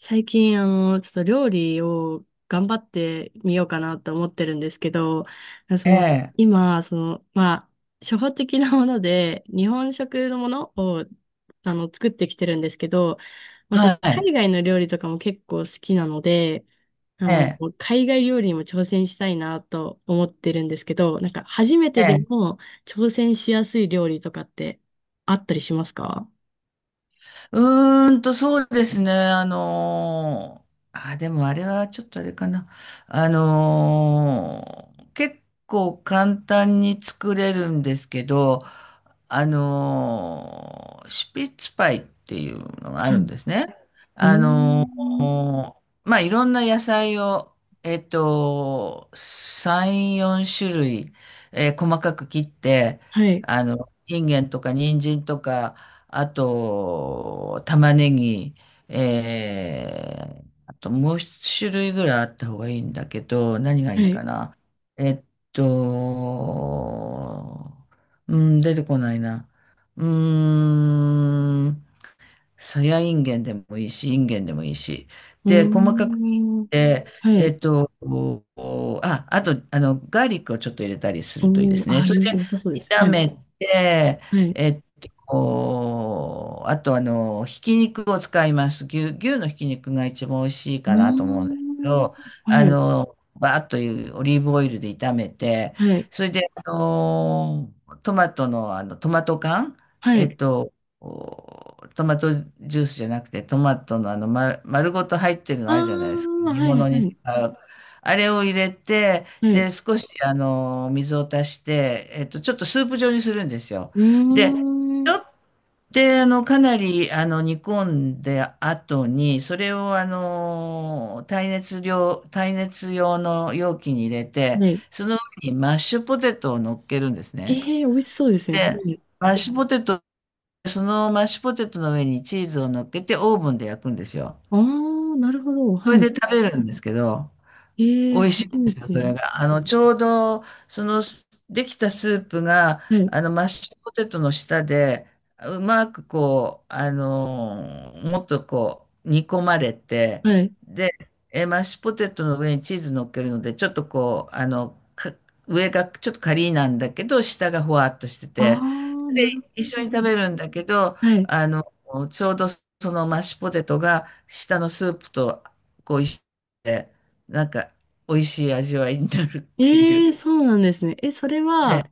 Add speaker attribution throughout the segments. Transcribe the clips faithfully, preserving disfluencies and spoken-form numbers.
Speaker 1: 最近、あの、ちょっと料理を頑張ってみようかなと思ってるんですけど、そ
Speaker 2: え
Speaker 1: の、
Speaker 2: え、
Speaker 1: 今、その、まあ、初歩的なもので、日本食のものを、あの、作ってきてるんですけど、私、
Speaker 2: はい、
Speaker 1: 海外の料理とかも結構好きなので、あ
Speaker 2: え
Speaker 1: の、
Speaker 2: え、
Speaker 1: 海外料理にも挑戦したいなと思ってるんですけど、なんか、初めて
Speaker 2: え
Speaker 1: で
Speaker 2: え、
Speaker 1: も挑戦しやすい料理とかってあったりしますか？
Speaker 2: うーんと、そうですね。あのーあ、でもあれはちょっとあれかな。あのー結構簡単に作れるんですけど、あのーシュピッツパイっていうのがあ
Speaker 1: はい。
Speaker 2: るん
Speaker 1: う
Speaker 2: ですね。
Speaker 1: ー
Speaker 2: あの
Speaker 1: ん。
Speaker 2: ーまあ、いろんな野菜を、えっと、さん、よん種類、えー細かく切って、
Speaker 1: はい。
Speaker 2: あの、インゲンとか人参とか、あと、玉ねぎ、えー、あともう一種類ぐらいあった方がいいんだけど、何が
Speaker 1: は
Speaker 2: いいか
Speaker 1: い。
Speaker 2: な。えっと、うん、出てこないな。うーん、さやいんげんでもいいし、いんげんでもいいし。
Speaker 1: うー
Speaker 2: で、細かく切
Speaker 1: ん。
Speaker 2: って、
Speaker 1: は
Speaker 2: え
Speaker 1: い。
Speaker 2: っと、こうあ、あと、あの、ガーリックをちょっと入れたりするといいで
Speaker 1: おー、
Speaker 2: すね。
Speaker 1: あー、
Speaker 2: それ
Speaker 1: い
Speaker 2: で、
Speaker 1: い、良さそうです。
Speaker 2: 炒
Speaker 1: はい。
Speaker 2: めて、
Speaker 1: はい。う
Speaker 2: えっと、こうあと、あの、ひき肉を使います。牛、牛のひき肉が一番美味しい
Speaker 1: ー
Speaker 2: かなと思うんですけ
Speaker 1: ん。
Speaker 2: ど、あ
Speaker 1: はい。
Speaker 2: の、バーッというオリーブオイルで炒めて、
Speaker 1: はい。
Speaker 2: それで、あの、トマトの、あの、トマト缶、
Speaker 1: は
Speaker 2: えっ
Speaker 1: い。
Speaker 2: と、こうトマトジュースじゃなくて、トマトのあの、ま、丸ごと入ってるの
Speaker 1: ああ、
Speaker 2: あるじゃないですか。煮
Speaker 1: はい、
Speaker 2: 物
Speaker 1: は
Speaker 2: に
Speaker 1: い。
Speaker 2: 使う。あれを入れて、
Speaker 1: はい。
Speaker 2: で、少しあの、水を足して、えっと、ちょっとスープ状にするんですよ。
Speaker 1: うー
Speaker 2: で、ち
Speaker 1: ん。
Speaker 2: ょっとあの、かなりあの、煮込んで後に、それをあの、耐熱量、耐熱用の容器に入れて、
Speaker 1: はい。
Speaker 2: その上にマッシュポテトを乗っけるんです
Speaker 1: え
Speaker 2: ね。
Speaker 1: えー、美味しそうですね。は
Speaker 2: で、
Speaker 1: い。
Speaker 2: マッシュポテトそのマッシュポテトの上にチーズを乗っけてオーブンで焼くんですよ。
Speaker 1: ああ、なるほど。
Speaker 2: そ
Speaker 1: は
Speaker 2: れ
Speaker 1: い。
Speaker 2: で食べるんですけど、
Speaker 1: ええ
Speaker 2: 美
Speaker 1: ー、
Speaker 2: 味しいん
Speaker 1: 初め
Speaker 2: ですよ、そ
Speaker 1: て。
Speaker 2: れが。あの、ちょうど、その、できたスープが、
Speaker 1: はい。
Speaker 2: あの、マッシュポテトの下で、うまくこう、あの、もっとこう、煮込まれて、
Speaker 1: はい。
Speaker 2: で、え、マッシュポテトの上にチーズ乗っけるので、ちょっとこう、あの、か、上がちょっとカリーなんだけど、下がほわっとして
Speaker 1: あ
Speaker 2: て、
Speaker 1: あ、な
Speaker 2: で、
Speaker 1: る
Speaker 2: 一緒に
Speaker 1: ほ
Speaker 2: 食
Speaker 1: ど。
Speaker 2: べるんだけど、
Speaker 1: はい。
Speaker 2: あの、ちょうどそのマッシュポテトが、下のスープと、こう、一緒で、なんか、美味しい味わいになるってい
Speaker 1: ええ
Speaker 2: う。
Speaker 1: ー、そうなんですね。え、それは、
Speaker 2: ええ、
Speaker 1: あ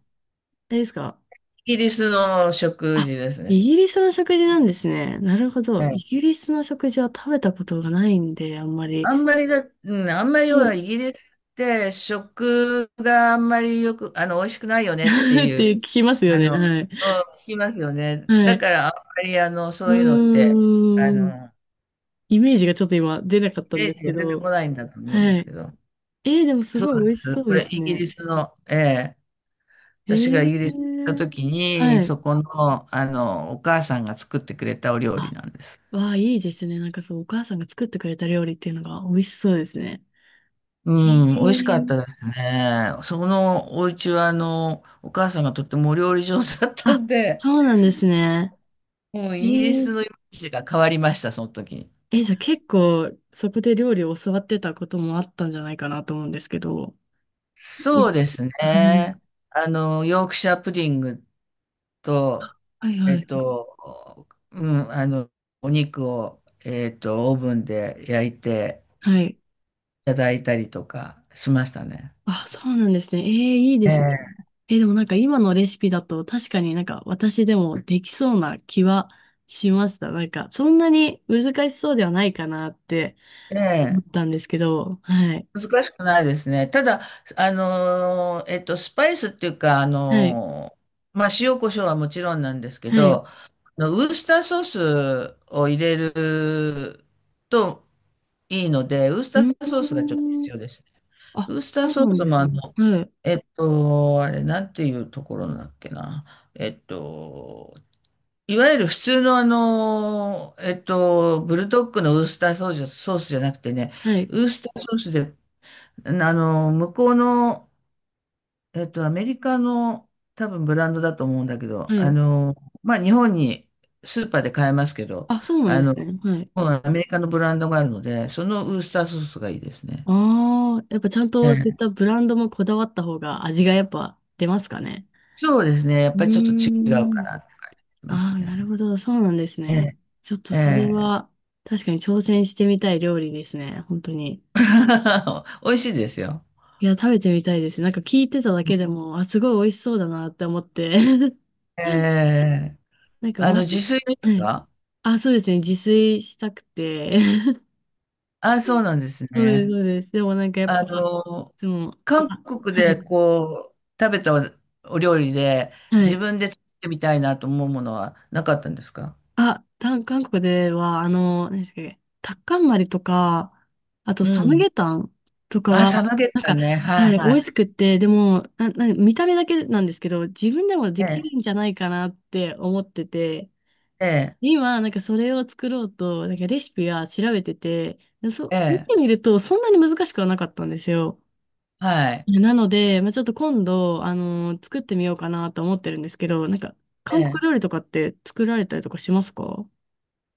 Speaker 1: れですか？
Speaker 2: イギリスの食
Speaker 1: あ、
Speaker 2: 事ですね。
Speaker 1: イギリスの食事なんですね。なるほど。
Speaker 2: え
Speaker 1: イギ
Speaker 2: え、
Speaker 1: リスの食事は食べたことがないんで、あんまり。
Speaker 2: あんまりだ、うん、あんまりほ
Speaker 1: そ
Speaker 2: ら、
Speaker 1: う
Speaker 2: イギリスって食があんまりよく、あの、美味しくないよ ねって
Speaker 1: っ
Speaker 2: い
Speaker 1: て
Speaker 2: う、
Speaker 1: 聞きますよ
Speaker 2: あ
Speaker 1: ね。
Speaker 2: の、
Speaker 1: はい。
Speaker 2: うん、聞きますよね。
Speaker 1: は
Speaker 2: だか
Speaker 1: い。
Speaker 2: ら、あんまり、あの、
Speaker 1: う
Speaker 2: そういうのって、あ
Speaker 1: ーん。
Speaker 2: の、
Speaker 1: イメージがちょっと今出なかった
Speaker 2: イ
Speaker 1: ん
Speaker 2: メー
Speaker 1: です
Speaker 2: ジ
Speaker 1: け
Speaker 2: が出てこ
Speaker 1: ど。
Speaker 2: ないんだと思うん
Speaker 1: は
Speaker 2: です
Speaker 1: い。
Speaker 2: けど。
Speaker 1: えー、でもす
Speaker 2: そう
Speaker 1: ご
Speaker 2: な
Speaker 1: い
Speaker 2: ん
Speaker 1: 美
Speaker 2: で
Speaker 1: 味
Speaker 2: す。
Speaker 1: しそう
Speaker 2: こ
Speaker 1: で
Speaker 2: れ、
Speaker 1: す
Speaker 2: イギリ
Speaker 1: ね。
Speaker 2: スの、ええ、
Speaker 1: え
Speaker 2: 私がイギリスに行った
Speaker 1: ー、
Speaker 2: 時に、
Speaker 1: はい。
Speaker 2: そこの、あの、お母さんが作ってくれたお料理
Speaker 1: あ、
Speaker 2: なんです。
Speaker 1: わあ、いいですね。なんかそう、お母さんが作ってくれた料理っていうのが美味しそうですね。え
Speaker 2: うん、美味しかっ
Speaker 1: ー、
Speaker 2: たですね。そこのお家は、あの、お母さんがとってもお料理上手だったん
Speaker 1: あ、
Speaker 2: で、
Speaker 1: そうなんですね。
Speaker 2: もう
Speaker 1: え
Speaker 2: イギリス
Speaker 1: ー
Speaker 2: のイメージが変わりました、その時に。
Speaker 1: え、じゃあ結構そこで料理を教わってたこともあったんじゃないかなと思うんですけど。い
Speaker 2: そうです
Speaker 1: はい。
Speaker 2: ね。あの、ヨークシャープディングと、
Speaker 1: あはい
Speaker 2: え
Speaker 1: は
Speaker 2: っ
Speaker 1: い。
Speaker 2: と、うん、あの、お肉を、えっと、オーブンで焼いて
Speaker 1: はい。
Speaker 2: いただいたりとかしましたね。
Speaker 1: あ、そうなんですね。えー、いいで
Speaker 2: え
Speaker 1: すね。
Speaker 2: え。
Speaker 1: えー、でもなんか今のレシピだと確かになんか私でもできそうな気はしました。なんかそんなに難しそうではないかなって思
Speaker 2: ええ、
Speaker 1: ったんですけど。はい。
Speaker 2: 難しくないですね。ただ、あのー、えっと、スパイスっていうか、あ
Speaker 1: はい。
Speaker 2: のー、まあ、塩コショウはもちろんなんですけ
Speaker 1: はい。う
Speaker 2: ど、あのウースターソースを入れるといいので、ウースターソー
Speaker 1: ー
Speaker 2: スがちょっと
Speaker 1: ん。
Speaker 2: 必要ですね。
Speaker 1: あ、
Speaker 2: ウースター
Speaker 1: そう
Speaker 2: ソ
Speaker 1: な
Speaker 2: ー
Speaker 1: ん
Speaker 2: ス
Speaker 1: で
Speaker 2: も
Speaker 1: す
Speaker 2: あ
Speaker 1: ね。
Speaker 2: の、
Speaker 1: はい。
Speaker 2: えっと、あれ、なんていうところなんだっけな。えっと、いわゆる普通のあの、えっと、ブルドッグのウースターソースソースじゃなくてね、
Speaker 1: はい。
Speaker 2: ウースターソースであの、向こうの、えっと、アメリカの多分ブランドだと思うんだけど、
Speaker 1: は
Speaker 2: あ
Speaker 1: い。
Speaker 2: の、まあ、日本にスーパーで買えますけど、
Speaker 1: あ、そうなん
Speaker 2: あ
Speaker 1: です
Speaker 2: の、
Speaker 1: ね。はい。
Speaker 2: アメリカのブランドがあるので、そのウースターソースがいいですね。
Speaker 1: ああ、やっぱちゃん
Speaker 2: え
Speaker 1: とそういっ
Speaker 2: え、
Speaker 1: たブランドもこだわった方が味がやっぱ出ますかね？
Speaker 2: そうですね。やっ
Speaker 1: う
Speaker 2: ぱり
Speaker 1: ー
Speaker 2: ちょっと違うか
Speaker 1: ん。
Speaker 2: なって感じま
Speaker 1: あ
Speaker 2: す
Speaker 1: あ、なる
Speaker 2: ね。
Speaker 1: ほど。そうなんです
Speaker 2: え
Speaker 1: ね。
Speaker 2: え、
Speaker 1: ちょっと
Speaker 2: え
Speaker 1: それ
Speaker 2: え。
Speaker 1: は確かに挑戦してみたい料理ですね。本当に。
Speaker 2: 美味しいですよ。
Speaker 1: いや、食べてみたいです。なんか聞いてただけでも、あ、すごい美味しそうだなって思って。
Speaker 2: ええ。
Speaker 1: なんか
Speaker 2: あの、
Speaker 1: ま、は
Speaker 2: 自炊です
Speaker 1: い。
Speaker 2: か？
Speaker 1: あ、そうですね。自炊したくて。
Speaker 2: あ、そうなんです
Speaker 1: そうです、
Speaker 2: ね。
Speaker 1: そうです。でもなんかやっ
Speaker 2: あ
Speaker 1: ぱ、い
Speaker 2: の、
Speaker 1: つも、
Speaker 2: 韓
Speaker 1: あ、
Speaker 2: 国
Speaker 1: は
Speaker 2: で
Speaker 1: い。
Speaker 2: こう、食べたお料理で
Speaker 1: は
Speaker 2: 自
Speaker 1: い。
Speaker 2: 分で作ってみたいなと思うものはなかったんですか？
Speaker 1: あ、た韓国では、あの、何でしたっけ、タッカンマリとか、あと
Speaker 2: う
Speaker 1: サム
Speaker 2: ん。
Speaker 1: ゲタンとか
Speaker 2: あ、サ
Speaker 1: は、
Speaker 2: ムゲ
Speaker 1: なん
Speaker 2: タ
Speaker 1: か、
Speaker 2: ンね。はい
Speaker 1: はい、美
Speaker 2: は
Speaker 1: 味
Speaker 2: い。
Speaker 1: しくって、でも、な、な、見た目だけなんですけど、自分でもで
Speaker 2: え
Speaker 1: き
Speaker 2: え、
Speaker 1: るんじゃないかなって思ってて、
Speaker 2: ええ、
Speaker 1: で今、なんかそれを作ろうと、なんかレシピは調べてて、で
Speaker 2: え
Speaker 1: そ、見
Speaker 2: え、
Speaker 1: てみると、そんなに難しくはなかったんですよ。
Speaker 2: はい。
Speaker 1: なので、まあ、ちょっと今度、あの、作ってみようかなと思ってるんですけど、なんか、
Speaker 2: え
Speaker 1: 韓国
Speaker 2: え。
Speaker 1: 料理とかって作られたりとかしますか？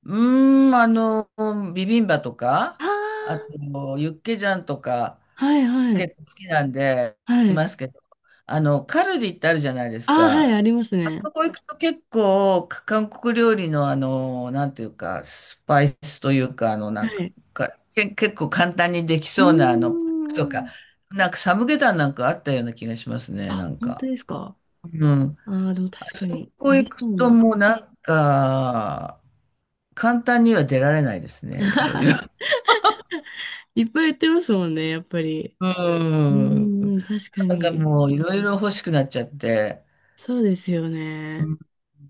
Speaker 2: うーん、あの、ビビンバと
Speaker 1: あ
Speaker 2: か、あと、
Speaker 1: ー
Speaker 2: ユッケジャンとか、
Speaker 1: はいはい。
Speaker 2: 結構好きなんで、
Speaker 1: は
Speaker 2: い
Speaker 1: い。
Speaker 2: ますけど、あの、カルディってあるじゃないです
Speaker 1: ああ、は
Speaker 2: か。
Speaker 1: い、ありますね。
Speaker 2: そこ行くと結構、韓国料理のあの、なんていうか、スパイスというか、あの、な
Speaker 1: は
Speaker 2: んか、
Speaker 1: い。
Speaker 2: かけ結構簡単にでき
Speaker 1: う
Speaker 2: そうな、あの、パ
Speaker 1: ー
Speaker 2: ックとか、
Speaker 1: ん。
Speaker 2: なんかサムゲタンなんかあったような気がしますね、
Speaker 1: あ、
Speaker 2: なん
Speaker 1: 本当
Speaker 2: か。
Speaker 1: ですか？
Speaker 2: うん。
Speaker 1: ああー、でも
Speaker 2: あ
Speaker 1: 確か
Speaker 2: そ
Speaker 1: に、
Speaker 2: こ
Speaker 1: あ
Speaker 2: 行
Speaker 1: り
Speaker 2: く
Speaker 1: そう
Speaker 2: と
Speaker 1: な。
Speaker 2: もうなんか、簡単には出られないですね、いろいろ。
Speaker 1: いっぱい言ってますもんね、やっぱり。
Speaker 2: う
Speaker 1: う
Speaker 2: ん。
Speaker 1: ーん、確か
Speaker 2: なんか
Speaker 1: に。
Speaker 2: もういろいろ欲しくなっちゃって。
Speaker 1: そうですよね。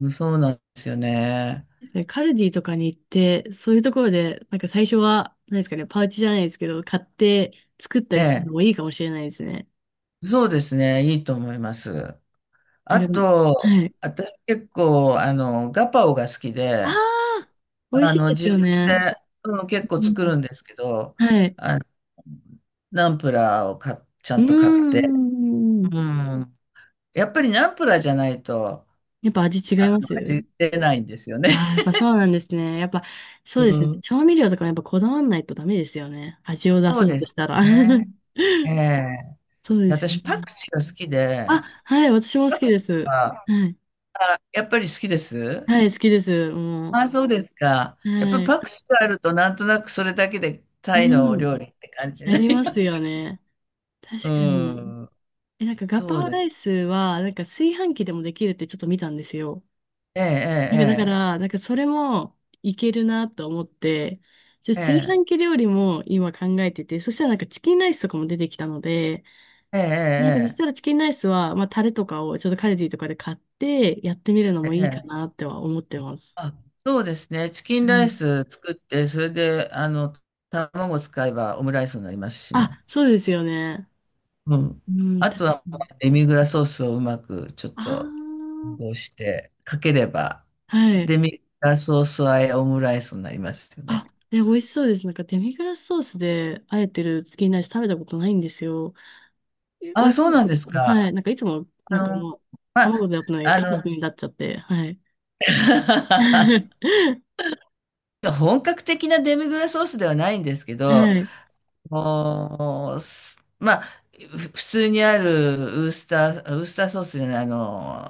Speaker 2: うん、そうなんですよね。
Speaker 1: でカルディとかに行って、そういうところで、なんか最初は、何ですかね、パウチじゃないですけど、買って作った
Speaker 2: え
Speaker 1: りする
Speaker 2: え、
Speaker 1: のもいいかもしれないですね。
Speaker 2: そうですね、いいと思います。あ
Speaker 1: なんか、は
Speaker 2: と、
Speaker 1: い。
Speaker 2: 私結構、あの、ガパオが好き
Speaker 1: あ
Speaker 2: で、
Speaker 1: あ、美味
Speaker 2: あ
Speaker 1: しい
Speaker 2: の、
Speaker 1: です
Speaker 2: 自分
Speaker 1: よね。
Speaker 2: で、うん、結構
Speaker 1: う
Speaker 2: 作
Speaker 1: ん
Speaker 2: るんですけど、
Speaker 1: はい。
Speaker 2: あの、ナンプラーをか、ちゃ
Speaker 1: う
Speaker 2: んと買っ
Speaker 1: ー
Speaker 2: て、
Speaker 1: ん。
Speaker 2: うん。やっぱりナンプラーじゃないと、
Speaker 1: やっぱ味違
Speaker 2: あ
Speaker 1: い
Speaker 2: の、
Speaker 1: ます？
Speaker 2: 味出ないんですよね。
Speaker 1: ああやっ ぱそうなんですね。やっぱそ
Speaker 2: う
Speaker 1: うですね。
Speaker 2: ん。
Speaker 1: 調味料とかもやっぱこだわんないとダメですよね。味を出
Speaker 2: そう
Speaker 1: そう
Speaker 2: で
Speaker 1: とし
Speaker 2: す
Speaker 1: たら。
Speaker 2: ね。ええ、
Speaker 1: そうですよね。
Speaker 2: 私、パクチーが好き
Speaker 1: あ、
Speaker 2: で、
Speaker 1: はい、私も好
Speaker 2: パ
Speaker 1: き
Speaker 2: ク
Speaker 1: で
Speaker 2: チー
Speaker 1: す。
Speaker 2: が、
Speaker 1: はい。
Speaker 2: あ、やっぱり好きです。
Speaker 1: はい、好きです。
Speaker 2: あ
Speaker 1: も
Speaker 2: あ、そうですか。
Speaker 1: う。
Speaker 2: やっぱ
Speaker 1: はい。
Speaker 2: パクチーがあるとなんとなくそれだけでタイの
Speaker 1: う
Speaker 2: お
Speaker 1: ん。
Speaker 2: 料理って感じ
Speaker 1: あ
Speaker 2: にな
Speaker 1: り
Speaker 2: り
Speaker 1: ま
Speaker 2: ま
Speaker 1: す
Speaker 2: す
Speaker 1: よ
Speaker 2: よ。
Speaker 1: ね。
Speaker 2: う
Speaker 1: 確かに。
Speaker 2: ん。
Speaker 1: え、なんかガ
Speaker 2: そ
Speaker 1: パ
Speaker 2: う
Speaker 1: オ
Speaker 2: で
Speaker 1: ライ
Speaker 2: す。
Speaker 1: スは、なんか炊飯器でもできるってちょっと見たんですよ。
Speaker 2: え
Speaker 1: なん
Speaker 2: え、
Speaker 1: かだから、なんかそれもいけるなと思って、じゃあ
Speaker 2: ええ、
Speaker 1: 炊
Speaker 2: え
Speaker 1: 飯
Speaker 2: え、
Speaker 1: 器料理も今考えてて、そしたらなんかチキンライスとかも出てきたので、
Speaker 2: ええ、
Speaker 1: なんかそし
Speaker 2: え
Speaker 1: たら
Speaker 2: え、
Speaker 1: チキンライスは、まあタレとかをちょっとカルディとかで買ってやってみるの
Speaker 2: え
Speaker 1: もいいか
Speaker 2: え。え
Speaker 1: なっ
Speaker 2: え、
Speaker 1: ては思ってます。
Speaker 2: あ、そうですね。チキ
Speaker 1: う
Speaker 2: ンライ
Speaker 1: ん。
Speaker 2: ス作って、それで、あの、卵使えばオムライスになりますしね。
Speaker 1: あ、そうですよね。
Speaker 2: うん。
Speaker 1: うん、
Speaker 2: あ
Speaker 1: 確
Speaker 2: と
Speaker 1: か
Speaker 2: は、
Speaker 1: に。
Speaker 2: デミグラソースをうまくちょっ
Speaker 1: あ
Speaker 2: と、こ
Speaker 1: ー
Speaker 2: うして、かければ、
Speaker 1: はい。
Speaker 2: デミグラソース和えオムライスになりますよ
Speaker 1: あ、
Speaker 2: ね。
Speaker 1: で、美味しそうです。なんかデミグラスソースであえてるチキンライス食べたことないんですよ。え、美
Speaker 2: あ、
Speaker 1: 味し
Speaker 2: そう
Speaker 1: いで
Speaker 2: なんです
Speaker 1: す。
Speaker 2: か。
Speaker 1: はい。なんかいつも、
Speaker 2: あ
Speaker 1: なんか
Speaker 2: の、
Speaker 1: もう、
Speaker 2: ま
Speaker 1: 卵
Speaker 2: あ、
Speaker 1: でやったのに
Speaker 2: あ
Speaker 1: ケチャップ
Speaker 2: の、
Speaker 1: になっちゃって、はい。
Speaker 2: 本格的なデミグラスソースではないんですけど、
Speaker 1: はい。
Speaker 2: もう、すまあ、ふ普通にあるウースター、ウースターソースじゃない、あの、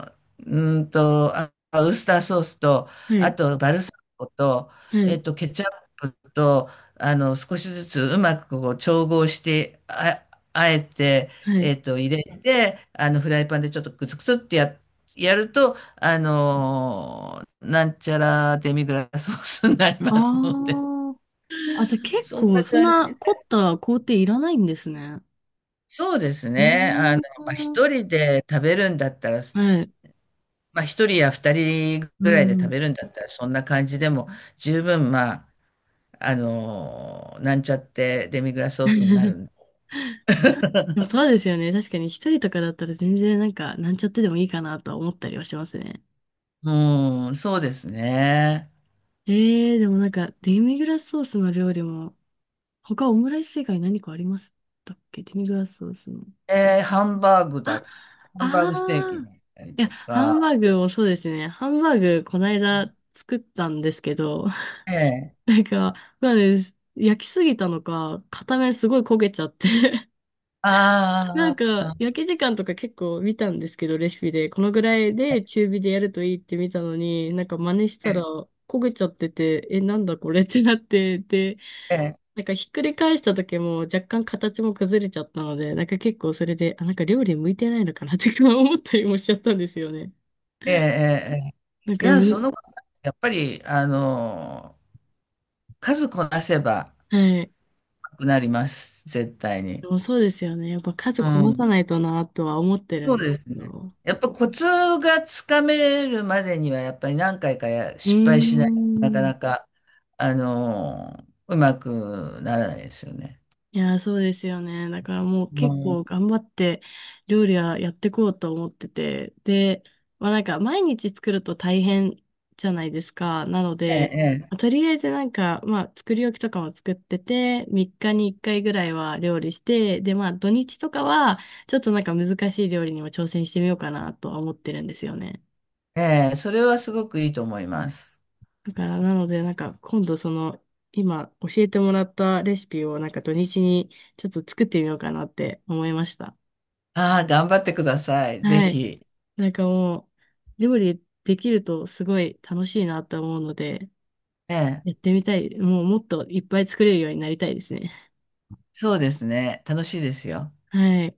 Speaker 2: うーんと、あ、ウースターソースと、
Speaker 1: は
Speaker 2: あ
Speaker 1: い。
Speaker 2: とバルサミコと、
Speaker 1: は
Speaker 2: えっ
Speaker 1: い。
Speaker 2: と、ケチャップと、あの、少しずつうまくこう調合して、あ、あえて、
Speaker 1: はい。
Speaker 2: えっと、入れて、あの、フライパンでちょっとクツクツってや、やると、あの、なんちゃらデミグラスソースになり
Speaker 1: あ
Speaker 2: ますので。
Speaker 1: あ。あ、じゃあ 結
Speaker 2: そん
Speaker 1: 構、
Speaker 2: な
Speaker 1: そん
Speaker 2: 感
Speaker 1: な凝った工程いらないんですね。
Speaker 2: そうです
Speaker 1: う
Speaker 2: ね。
Speaker 1: ー
Speaker 2: あの、まあ、
Speaker 1: ん。
Speaker 2: 一人で食べるんだったら、
Speaker 1: はい。
Speaker 2: まあ、一人や二人
Speaker 1: う
Speaker 2: ぐらいで食
Speaker 1: ん。
Speaker 2: べるんだったら、そんな感じでも十分、まあ、あの、なんちゃってデミグラスソースにな るんで。
Speaker 1: でも そうですよね。確かに一人とかだったら全然なんか、なんちゃってでもいいかなとは思ったりはしますね。
Speaker 2: うん、そうですね。
Speaker 1: えー、でもなんか、デミグラスソースの料理も、他オムライス以外何かありましたっけ？デミグラスソースの。
Speaker 2: えーハンバーグ
Speaker 1: あ、
Speaker 2: だ、ハンバー
Speaker 1: あ
Speaker 2: グステーキ
Speaker 1: あ。
Speaker 2: だったり
Speaker 1: いや、
Speaker 2: と
Speaker 1: ハンバ
Speaker 2: か、
Speaker 1: ーグもそうですね。ハンバーグ、こないだ作ったんですけど、
Speaker 2: ええ、
Speaker 1: なんか、まあね、焼きすぎたのか、片面すごい焦げちゃって。なん
Speaker 2: あ
Speaker 1: か、
Speaker 2: あ、
Speaker 1: 焼き時間とか結構見たんですけど、レシピで。このぐらいで中火でやるといいって見たのに、なんか真似し
Speaker 2: え
Speaker 1: たら
Speaker 2: え、
Speaker 1: 焦げちゃってて、え、なんだこれってなって、で、
Speaker 2: ええ、
Speaker 1: なんかひっくり返した時も若干形も崩れちゃったので、なんか結構それで、あ、なんか料理向いてないのかなってか 思ったりもしちゃったんですよね。
Speaker 2: ええ、ええ、
Speaker 1: なん
Speaker 2: い
Speaker 1: か、
Speaker 2: や、そ
Speaker 1: む
Speaker 2: の、やっぱり、あの、数こなせば、
Speaker 1: はい。
Speaker 2: なります、絶対
Speaker 1: で
Speaker 2: に。
Speaker 1: もそうですよね。やっぱ数
Speaker 2: う
Speaker 1: こなさ
Speaker 2: ん。
Speaker 1: ないとなとは思ってる
Speaker 2: そ
Speaker 1: ん
Speaker 2: う
Speaker 1: です
Speaker 2: です
Speaker 1: け
Speaker 2: ね。
Speaker 1: ど。
Speaker 2: やっぱコツがつかめるまでには、やっぱり何回かや
Speaker 1: うー
Speaker 2: 失敗しないとなか
Speaker 1: ん。
Speaker 2: なか、あのーうまくならないですよね。
Speaker 1: いやー、そうですよね。だからもう
Speaker 2: う
Speaker 1: 結
Speaker 2: ん、
Speaker 1: 構頑張って料理はやってこうと思ってて。で、まあなんか毎日作ると大変じゃないですか。なの
Speaker 2: え
Speaker 1: で、
Speaker 2: え、
Speaker 1: まあとりあえずなんか、まあ作り置きとかも作ってて、みっかにいっかいぐらいは料理して、でまあ土日とかはちょっとなんか難しい料理にも挑戦してみようかなとは思ってるんですよね。
Speaker 2: ええ、ええ、それはすごくいいと思います。
Speaker 1: だからなのでなんか今度その今教えてもらったレシピをなんか土日にちょっと作ってみようかなって思いました。
Speaker 2: ああ、頑張ってください。ぜ
Speaker 1: はい。
Speaker 2: ひ。
Speaker 1: なんかもう、料理できるとすごい楽しいなと思うので、
Speaker 2: ええ、
Speaker 1: やってみたい。もうもっといっぱい作れるようになりたいですね。
Speaker 2: そうですね。楽しいですよ。
Speaker 1: はい。